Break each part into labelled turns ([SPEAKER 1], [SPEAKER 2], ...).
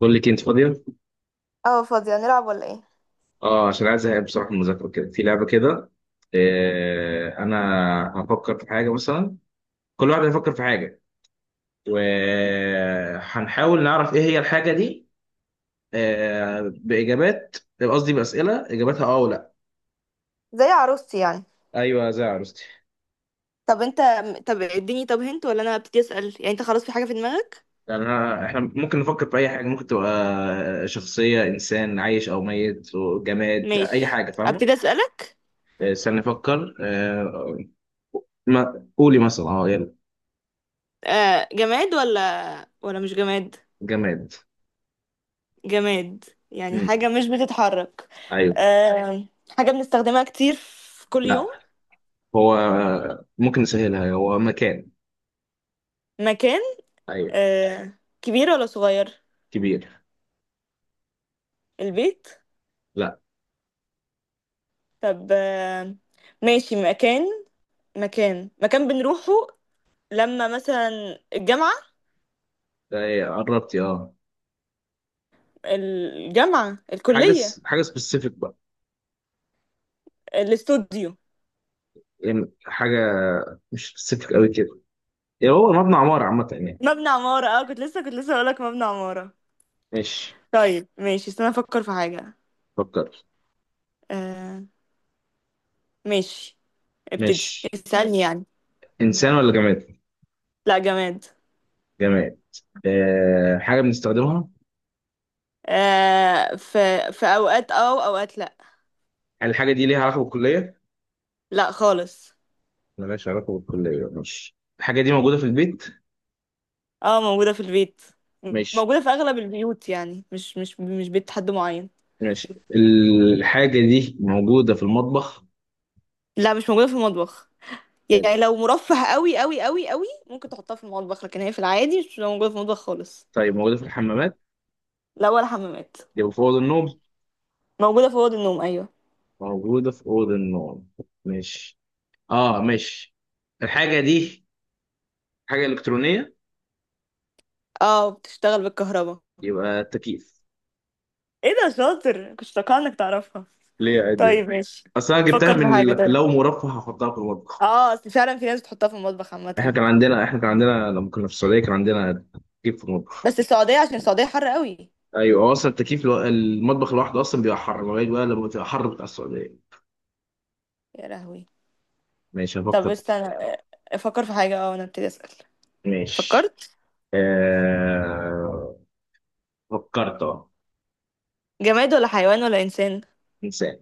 [SPEAKER 1] بقول لك انت فاضيه.
[SPEAKER 2] اه، فاضية، نلعب ولا ايه؟
[SPEAKER 1] اه، عشان عايز ازهق بصراحه من المذاكره كده، في لعبه كده. انا هفكر في حاجه مثلا، كل واحد هيفكر في حاجه، وهنحاول نعرف ايه هي الحاجه دي. باجابات قصدي باسئله اجابتها اه ولا؟
[SPEAKER 2] زي عروستي يعني.
[SPEAKER 1] ايوه، زي عروستي
[SPEAKER 2] طب انت، طب اديني، طب هنت ولا انا ابتدي اسأل؟ يعني انت خلاص في حاجة في دماغك؟
[SPEAKER 1] يعني. احنا ممكن نفكر في اي حاجه، ممكن تبقى شخصيه انسان عايش او ميت، جماد، اي
[SPEAKER 2] ماشي،
[SPEAKER 1] حاجه، فاهمه؟
[SPEAKER 2] ابتدي اسألك.
[SPEAKER 1] استنى نفكر. ما قولي مثلا، يلا.
[SPEAKER 2] آه، جماد ولا مش جماد؟
[SPEAKER 1] جماد.
[SPEAKER 2] جماد. يعني
[SPEAKER 1] مم.
[SPEAKER 2] حاجة مش بتتحرك؟
[SPEAKER 1] ايوه.
[SPEAKER 2] آه. حاجة بنستخدمها كتير في كل
[SPEAKER 1] لا،
[SPEAKER 2] يوم؟
[SPEAKER 1] هو ممكن نسهلها، هو مكان.
[SPEAKER 2] مكان.
[SPEAKER 1] ايوه.
[SPEAKER 2] آه، كبير ولا صغير؟
[SPEAKER 1] كبير.
[SPEAKER 2] البيت؟
[SPEAKER 1] لا.
[SPEAKER 2] طب آه، ماشي مكان. مكان مكان بنروحه، لما مثلا الجامعة.
[SPEAKER 1] إيه، قربتي اه.
[SPEAKER 2] الجامعة، الكلية،
[SPEAKER 1] حاجه سبيسيفيك بقى،
[SPEAKER 2] الاستوديو.
[SPEAKER 1] يعني حاجه مش سبيسيفيك قوي كده، يعني هو مبنى عماره عامه يعني.
[SPEAKER 2] مبنى عمارة، اه، كنت لسه هقولك مبنى عمارة.
[SPEAKER 1] ماشي.
[SPEAKER 2] طيب ماشي، استنى افكر في حاجة.
[SPEAKER 1] فكر.
[SPEAKER 2] آه، ماشي، ابتدي
[SPEAKER 1] ماشي.
[SPEAKER 2] اسألني يعني.
[SPEAKER 1] انسان ولا جماد؟
[SPEAKER 2] لا، جماد.
[SPEAKER 1] جماد. حاجه بنستخدمها.
[SPEAKER 2] آه، في، في اوقات اه واوقات لا.
[SPEAKER 1] هل الحاجه دي ليها علاقه بالكليه؟
[SPEAKER 2] لا خالص.
[SPEAKER 1] ملهاش علاقه بالكليه، ماشي. الحاجه دي موجوده في البيت.
[SPEAKER 2] اه، موجودة في البيت.
[SPEAKER 1] ماشي.
[SPEAKER 2] موجودة في اغلب البيوت، يعني مش بيت حد معين.
[SPEAKER 1] ماشي، الحاجه دي موجوده في المطبخ؟
[SPEAKER 2] لا، مش موجودة في المطبخ. يعني
[SPEAKER 1] حلو.
[SPEAKER 2] لو مرفه قوي ممكن تحطها في المطبخ، لكن هي في العادي مش موجودة في المطبخ خالص.
[SPEAKER 1] طيب موجوده في الحمامات؟
[SPEAKER 2] لا ولا حمامات.
[SPEAKER 1] يبقى في اوضه النوم.
[SPEAKER 2] موجودة في أوض النوم، أيوة.
[SPEAKER 1] موجودة في أوضة النوم. مش مش الحاجة دي حاجة إلكترونية؟
[SPEAKER 2] اه، بتشتغل بالكهرباء.
[SPEAKER 1] يبقى التكييف.
[SPEAKER 2] ايه ده، شاطر، كنت متوقعة انك تعرفها.
[SPEAKER 1] ليه؟ عادي.
[SPEAKER 2] طيب ماشي،
[SPEAKER 1] أصل أنا جبتها
[SPEAKER 2] فكر في
[SPEAKER 1] من
[SPEAKER 2] حاجة طيب.
[SPEAKER 1] لو مرفه هحطها في المطبخ.
[SPEAKER 2] اه، اصل فعلا في ناس بتحطها في المطبخ عامة.
[SPEAKER 1] إحنا كان عندنا لما كنا في السعودية كان عندنا تكييف في المطبخ.
[SPEAKER 2] بس السعودية، عشان السعودية حر قوي.
[SPEAKER 1] أيوه، هو أصلا التكييف المطبخ لوحده أصلا بيبقى حر، لغاية بقى لما بتبقى حر بتاع السعودية.
[SPEAKER 2] يا لهوي.
[SPEAKER 1] ماشي
[SPEAKER 2] طب
[SPEAKER 1] هفكر.
[SPEAKER 2] استنى افكر في حاجة، اه انا ابتدي اسأل.
[SPEAKER 1] ماشي.
[SPEAKER 2] فكرت.
[SPEAKER 1] آه... فكرت
[SPEAKER 2] جماد ولا حيوان ولا انسان؟
[SPEAKER 1] إنسان.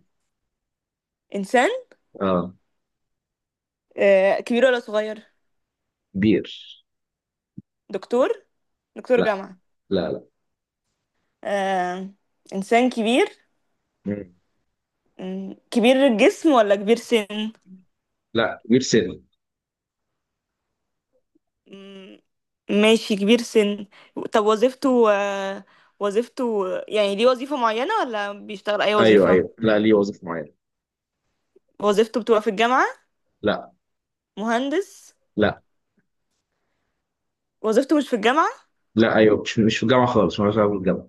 [SPEAKER 2] انسان.
[SPEAKER 1] أه.
[SPEAKER 2] آه، كبير ولا صغير؟
[SPEAKER 1] بير.
[SPEAKER 2] دكتور؟ دكتور
[SPEAKER 1] لا،
[SPEAKER 2] جامعة؟
[SPEAKER 1] لا، لا.
[SPEAKER 2] آه، انسان كبير.
[SPEAKER 1] مم.
[SPEAKER 2] مم، كبير الجسم ولا كبير سن؟
[SPEAKER 1] لا، بير سن.
[SPEAKER 2] مم، ماشي، كبير سن. طب وظيفته آه، وظيفته، يعني ليه وظيفة معينة ولا بيشتغل أي
[SPEAKER 1] ايوه،
[SPEAKER 2] وظيفة؟
[SPEAKER 1] ايوه، لا، ليه وظيفه معينه.
[SPEAKER 2] وظيفته بتبقى في الجامعة؟
[SPEAKER 1] لا.
[SPEAKER 2] مهندس؟
[SPEAKER 1] لا.
[SPEAKER 2] وظيفته مش في الجامعة.
[SPEAKER 1] لا، ايوه، مش مش في الجامعه خالص، مالهاش علاقه بالجامعه.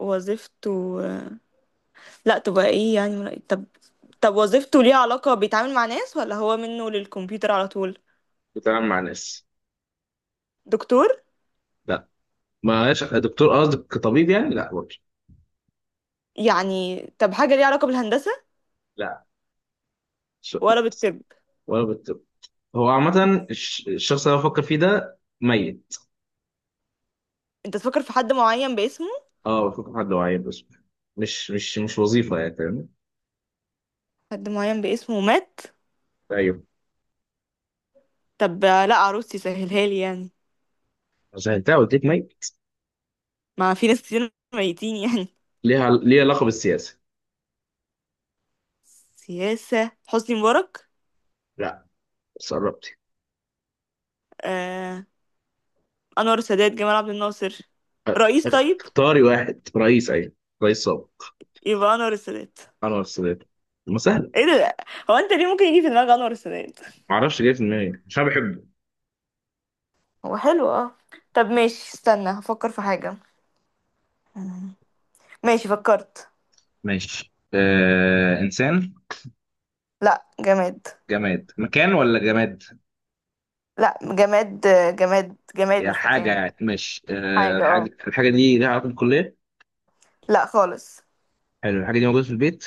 [SPEAKER 2] وظيفته آه، لا تبقى ايه يعني طب. طب وظيفته ليها علاقة، بيتعامل مع ناس ولا هو منه للكمبيوتر على طول؟
[SPEAKER 1] بتعامل مع ناس.
[SPEAKER 2] دكتور؟
[SPEAKER 1] لا، مالهاش دكتور قصدك كطبيب يعني، لا برضه.
[SPEAKER 2] يعني طب، حاجة ليها علاقة بالهندسة
[SPEAKER 1] لا، ش-
[SPEAKER 2] ولا بالطب؟
[SPEAKER 1] ولا بالطب. هو عامه الشخص اللي أنا بفكر فيه ده ميت.
[SPEAKER 2] انت تفكر في حد معين باسمه؟
[SPEAKER 1] اه، بفكر في حد، هو عيل بس، مش وظيفه يعني، فاهم؟
[SPEAKER 2] حد معين باسمه مات؟
[SPEAKER 1] ايوه.
[SPEAKER 2] طب آه، لا، عروستي سهلها لي يعني.
[SPEAKER 1] سهلتها، قلت لك ميت.
[SPEAKER 2] ما في ناس كتير ميتين يعني.
[SPEAKER 1] ليها علاقه بالسياسه؟
[SPEAKER 2] سياسة حسني مبارك؟
[SPEAKER 1] لا، بس قربتي.
[SPEAKER 2] آه، أنور السادات، جمال عبد الناصر،
[SPEAKER 1] أ-
[SPEAKER 2] رئيس طيب.
[SPEAKER 1] اختاري واحد رئيس، ايوه رئيس سابق.
[SPEAKER 2] يبقى أنور السادات.
[SPEAKER 1] انور السادات. ما سهله.
[SPEAKER 2] ايه ده، هو انت ليه ممكن يجي في دماغك أنور السادات؟
[SPEAKER 1] ما اعرفش، جاي في دماغي، مش انا بحبه.
[SPEAKER 2] هو حلو، اه. طب ماشي، استنى هفكر في حاجة. مم. ماشي فكرت.
[SPEAKER 1] ماشي، إنسان.
[SPEAKER 2] لا، جماد.
[SPEAKER 1] جماد؟ مكان ولا جماد؟
[SPEAKER 2] لا، جماد. آه، جماد جماد،
[SPEAKER 1] يعني
[SPEAKER 2] مش
[SPEAKER 1] حاجة،
[SPEAKER 2] مكان.
[SPEAKER 1] يعني ماشي،
[SPEAKER 2] حاجة، اه،
[SPEAKER 1] الحاجة دي ليها علاقة بالكلية؟
[SPEAKER 2] لا خالص.
[SPEAKER 1] حلو، الحاجة دي موجودة في البيت.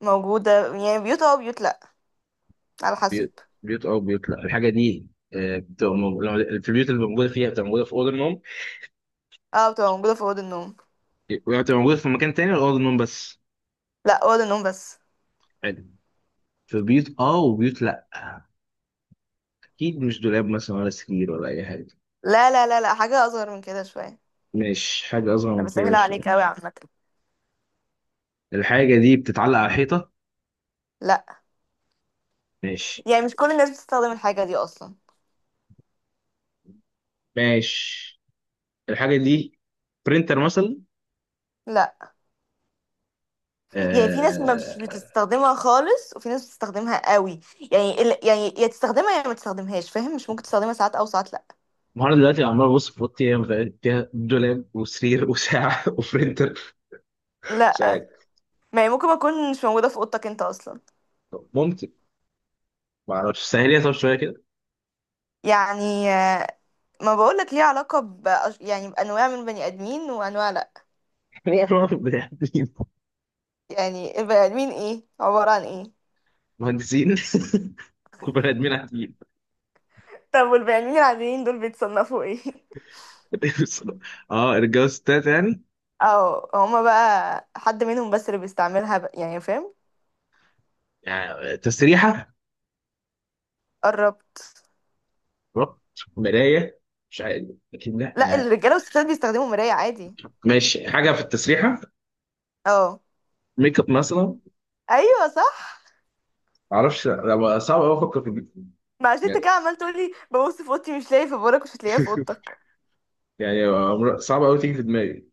[SPEAKER 2] موجودة، يعني بيوت اه بيوت لا، على حسب.
[SPEAKER 1] بيوت. بيوت أو بيوت لا؟ الحاجة دي في البيوت اللي موجودة فيها بتبقى موجودة في أوضة النوم.
[SPEAKER 2] اه، بتبقى موجودة في أوضة النوم.
[SPEAKER 1] بتبقى موجودة في مكان تاني ولا أوضة النوم بس؟
[SPEAKER 2] لا، أوضة النوم بس.
[SPEAKER 1] حلو، في بيوت أه وبيوت لا. أكيد مش دولاب مثلا، ولا سرير، ولا أي حاجة.
[SPEAKER 2] لا، حاجة أصغر من كده شوية.
[SPEAKER 1] ماشي، حاجة أصغر
[SPEAKER 2] أنا
[SPEAKER 1] من كده
[SPEAKER 2] بسهلها عليك
[SPEAKER 1] شوية.
[SPEAKER 2] أوي عامة.
[SPEAKER 1] الحاجة دي بتتعلق على الحيطة؟
[SPEAKER 2] لا.
[SPEAKER 1] ماشي.
[SPEAKER 2] يعني مش كل الناس بتستخدم الحاجة دي أصلا.
[SPEAKER 1] ماشي، الحاجة دي برينتر مثلا؟
[SPEAKER 2] لا. يعني في ناس ما
[SPEAKER 1] آه،
[SPEAKER 2] مش بتستخدمها خالص وفي ناس بتستخدمها قوي. يعني يعني يا تستخدمها يا ما تستخدمهاش، فاهم؟ مش ممكن تستخدمها ساعات أو ساعات لا.
[SPEAKER 1] النهارده دلوقتي عمال ابص في اوضتي، هي متهيألي فيها دولاب وسرير وساعه وبرنتر. مش عارف.
[SPEAKER 2] لا. ما هي ممكن ما تكون مش موجودة في أوضتك أنت أصلا.
[SPEAKER 1] ممكن. ما اعرفش، سهل لي طب شويه كده.
[SPEAKER 2] يعني آه، ما بقولك ليها علاقة ب، يعني بأنواع من البني آدمين وأنواع لا.
[SPEAKER 1] هي الواحد بني آدمين،
[SPEAKER 2] يعني البني آدمين إيه، عبارة عن إيه؟
[SPEAKER 1] مهندسين وبني ادمين عاديين.
[SPEAKER 2] طب والبني آدمين العاديين دول بيتصنفوا إيه؟
[SPEAKER 1] اه، رجاله وستات يعني.
[SPEAKER 2] اه، هما بقى حد منهم بس اللي بيستعملها بقى، يعني فاهم؟
[SPEAKER 1] يعني تسريحه.
[SPEAKER 2] قربت.
[SPEAKER 1] ربط. مرايه. مش عارف. لكن
[SPEAKER 2] لا،
[SPEAKER 1] لا.
[SPEAKER 2] الرجاله والستات بيستخدموا مرايه عادي.
[SPEAKER 1] ماشي، حاجه في التسريحه.
[SPEAKER 2] اه،
[SPEAKER 1] ميك اب مثلا، ما
[SPEAKER 2] ايوه صح.
[SPEAKER 1] اعرفش، لا، صعب قوي افكر في دي.
[SPEAKER 2] ما عشان انت
[SPEAKER 1] يعني
[SPEAKER 2] كده عمال تقولي ببص في اوضتي مش لاقي. في بورك، مش هتلاقيها في اوضتك.
[SPEAKER 1] يعني صعب قوي تيجي في دماغي.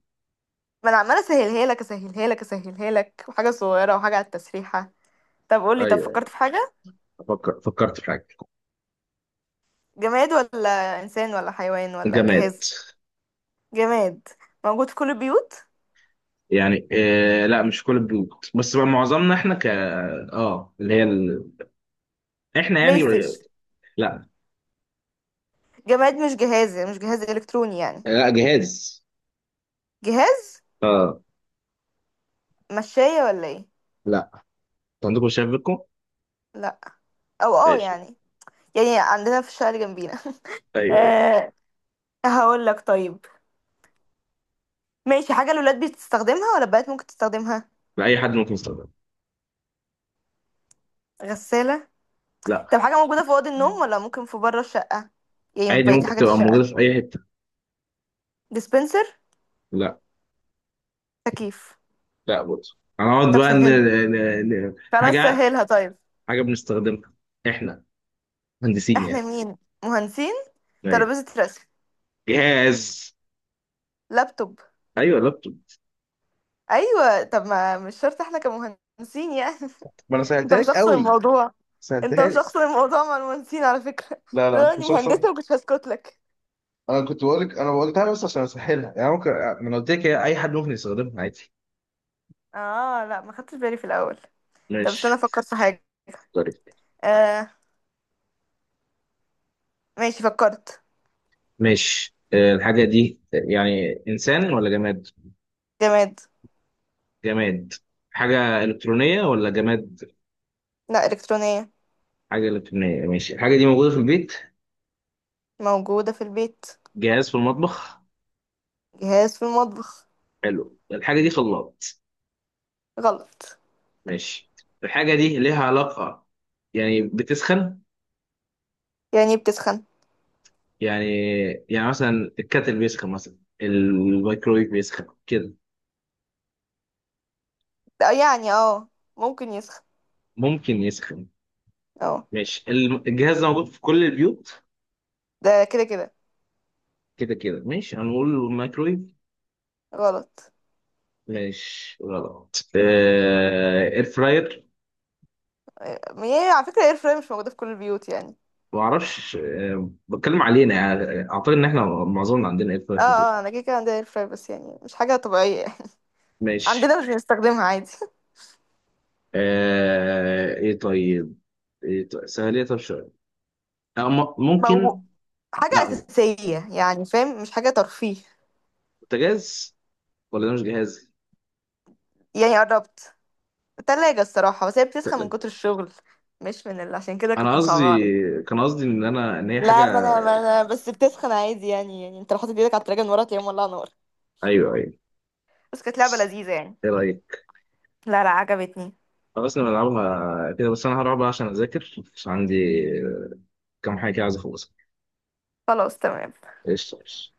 [SPEAKER 2] ما انا عماله اسهلها لك اسهلها لك اسهلها لك، وحاجه صغيره وحاجه على التسريحه. طب قولي، طب
[SPEAKER 1] ايوه، أيوة،
[SPEAKER 2] فكرت في حاجه.
[SPEAKER 1] فكرت في حاجه.
[SPEAKER 2] جماد ولا انسان ولا حيوان ولا
[SPEAKER 1] جامعات.
[SPEAKER 2] جهاز؟ جماد. موجود في كل البيوت؟
[SPEAKER 1] يعني لا مش كل البيوت، بس بقى معظمنا، احنا ك اه اللي هي احنا
[SPEAKER 2] بلاي
[SPEAKER 1] يعني.
[SPEAKER 2] ستيشن؟
[SPEAKER 1] لا.
[SPEAKER 2] جماد مش جهاز، مش جهاز الكتروني يعني.
[SPEAKER 1] لا، جهاز.
[SPEAKER 2] جهاز.
[SPEAKER 1] اه.
[SPEAKER 2] مشاية ولا ايه؟
[SPEAKER 1] لا. انتوا عندكم، شايف بيكم.
[SPEAKER 2] لا، او اه
[SPEAKER 1] ماشي.
[SPEAKER 2] يعني، يعني عندنا في الشارع جنبينا.
[SPEAKER 1] ايوه، ايوه،
[SPEAKER 2] أه، هقول لك طيب. ماشي، حاجة الولاد بتستخدمها ولا البنات ممكن تستخدمها؟
[SPEAKER 1] لا، اي حد ممكن يستخدمه.
[SPEAKER 2] غسالة؟
[SPEAKER 1] لا.
[SPEAKER 2] طب حاجة موجودة في أوضة النوم ولا ممكن في بره الشقة، يعني في
[SPEAKER 1] عادي
[SPEAKER 2] بقية
[SPEAKER 1] ممكن
[SPEAKER 2] حاجات
[SPEAKER 1] تبقى
[SPEAKER 2] الشقة؟
[SPEAKER 1] موجوده في اي حته.
[SPEAKER 2] ديسبنسر؟
[SPEAKER 1] لا.
[SPEAKER 2] تكييف؟
[SPEAKER 1] لا برضه. هنقعد
[SPEAKER 2] طب
[SPEAKER 1] بقى
[SPEAKER 2] سهلها. خلاص
[SPEAKER 1] حاجه.
[SPEAKER 2] سهلها طيب.
[SPEAKER 1] حاجه بنستخدمها احنا، مهندسين يعني.
[SPEAKER 2] احنا مين، مهندسين؟
[SPEAKER 1] ايوه.
[SPEAKER 2] ترابيزة رسم؟
[SPEAKER 1] جهاز.
[SPEAKER 2] لابتوب؟
[SPEAKER 1] ايوه، لابتوب.
[SPEAKER 2] ايوه. طب ما مش شرط احنا كمهندسين يعني.
[SPEAKER 1] ما انا
[SPEAKER 2] انت
[SPEAKER 1] سهلتها
[SPEAKER 2] مش
[SPEAKER 1] لك
[SPEAKER 2] شخص
[SPEAKER 1] قوي.
[SPEAKER 2] الموضوع. انت
[SPEAKER 1] سهلتها
[SPEAKER 2] مش
[SPEAKER 1] لك.
[SPEAKER 2] شخص الموضوع مع المهندسين على فكرة.
[SPEAKER 1] لا،
[SPEAKER 2] لو
[SPEAKER 1] لا، انت
[SPEAKER 2] اني
[SPEAKER 1] مش شخص.
[SPEAKER 2] مهندسة ما كنتش هسكت لك.
[SPEAKER 1] انا كنت بقولك، انا قلتها بس عشان اسهلها، يعني ممكن، ما انا قلت لك هي اي حد ممكن يستخدمها عادي.
[SPEAKER 2] اه، لا ما خدتش بالي في الاول. طب استنى
[SPEAKER 1] ماشي.
[SPEAKER 2] افكر في حاجه.
[SPEAKER 1] طيب.
[SPEAKER 2] آه، ماشي فكرت.
[SPEAKER 1] ماشي، الحاجة دي يعني إنسان ولا جماد؟
[SPEAKER 2] جماد.
[SPEAKER 1] جماد. حاجة إلكترونية ولا جماد؟
[SPEAKER 2] لا، الكترونيه.
[SPEAKER 1] حاجة إلكترونية، ماشي، الحاجة دي موجودة في البيت.
[SPEAKER 2] موجوده في البيت.
[SPEAKER 1] جهاز في المطبخ.
[SPEAKER 2] جهاز في المطبخ.
[SPEAKER 1] حلو، الحاجة دي خلاط؟
[SPEAKER 2] غلط.
[SPEAKER 1] ماشي. الحاجة دي ليها علاقة، يعني بتسخن.
[SPEAKER 2] يعني بتسخن؟
[SPEAKER 1] يعني يعني مثلا الكاتل بيسخن مثلا، الميكرويف بيسخن كده.
[SPEAKER 2] آه، يعني اه، ممكن يسخن.
[SPEAKER 1] ممكن يسخن.
[SPEAKER 2] اه.
[SPEAKER 1] ماشي، الجهاز ده موجود في كل البيوت؟
[SPEAKER 2] ده كده كده.
[SPEAKER 1] كده كده، ماشي هنقول الميكرويف.
[SPEAKER 2] غلط.
[SPEAKER 1] ماشي غلط. اير فراير.
[SPEAKER 2] آه، هي على فكره اير فراير مش موجوده في كل البيوت يعني.
[SPEAKER 1] ما اعرفش، بتكلم علينا يعني، اعتقد ان احنا معظمنا عندنا اير فراير
[SPEAKER 2] اه
[SPEAKER 1] في البيت.
[SPEAKER 2] اه، انا كده كده عندي اير فراير، بس يعني مش حاجه طبيعيه يعني.
[SPEAKER 1] ماشي.
[SPEAKER 2] عندنا مش بنستخدمها عادي.
[SPEAKER 1] ايه طيب. ايه طيب، سهليه طب شويه.
[SPEAKER 2] موجود.
[SPEAKER 1] ممكن.
[SPEAKER 2] حاجه
[SPEAKER 1] لا.
[SPEAKER 2] اساسيه يعني، فاهم؟ مش حاجه ترفيه.
[SPEAKER 1] بوتاجاز؟ ولا ده مش جهاز؟
[SPEAKER 2] يعني قربت، تلاجة الصراحة، بس هي بتسخن من
[SPEAKER 1] تلاجة.
[SPEAKER 2] كتر الشغل، مش من اللي، عشان كده
[SPEAKER 1] انا
[SPEAKER 2] كنت
[SPEAKER 1] قصدي،
[SPEAKER 2] مصعبة عليك.
[SPEAKER 1] كان قصدي ان هي
[SPEAKER 2] لا، ما
[SPEAKER 1] حاجه.
[SPEAKER 2] انا ما انا بس بتسخن عادي يعني، يعني انت لو حاطط ايدك على التلاجة من ورا تلاقيها مولعة نار.
[SPEAKER 1] ايوه، ايوه.
[SPEAKER 2] بس كانت لعبة لذيذة يعني.
[SPEAKER 1] ايه رايك؟
[SPEAKER 2] لا لا، عجبتني.
[SPEAKER 1] خلاص نلعبها كده، بس انا هروح بقى عشان اذاكر، عشان عندي كام حاجه كده عايز اخلصها.
[SPEAKER 2] خلاص تمام.
[SPEAKER 1] قشطة قشطة.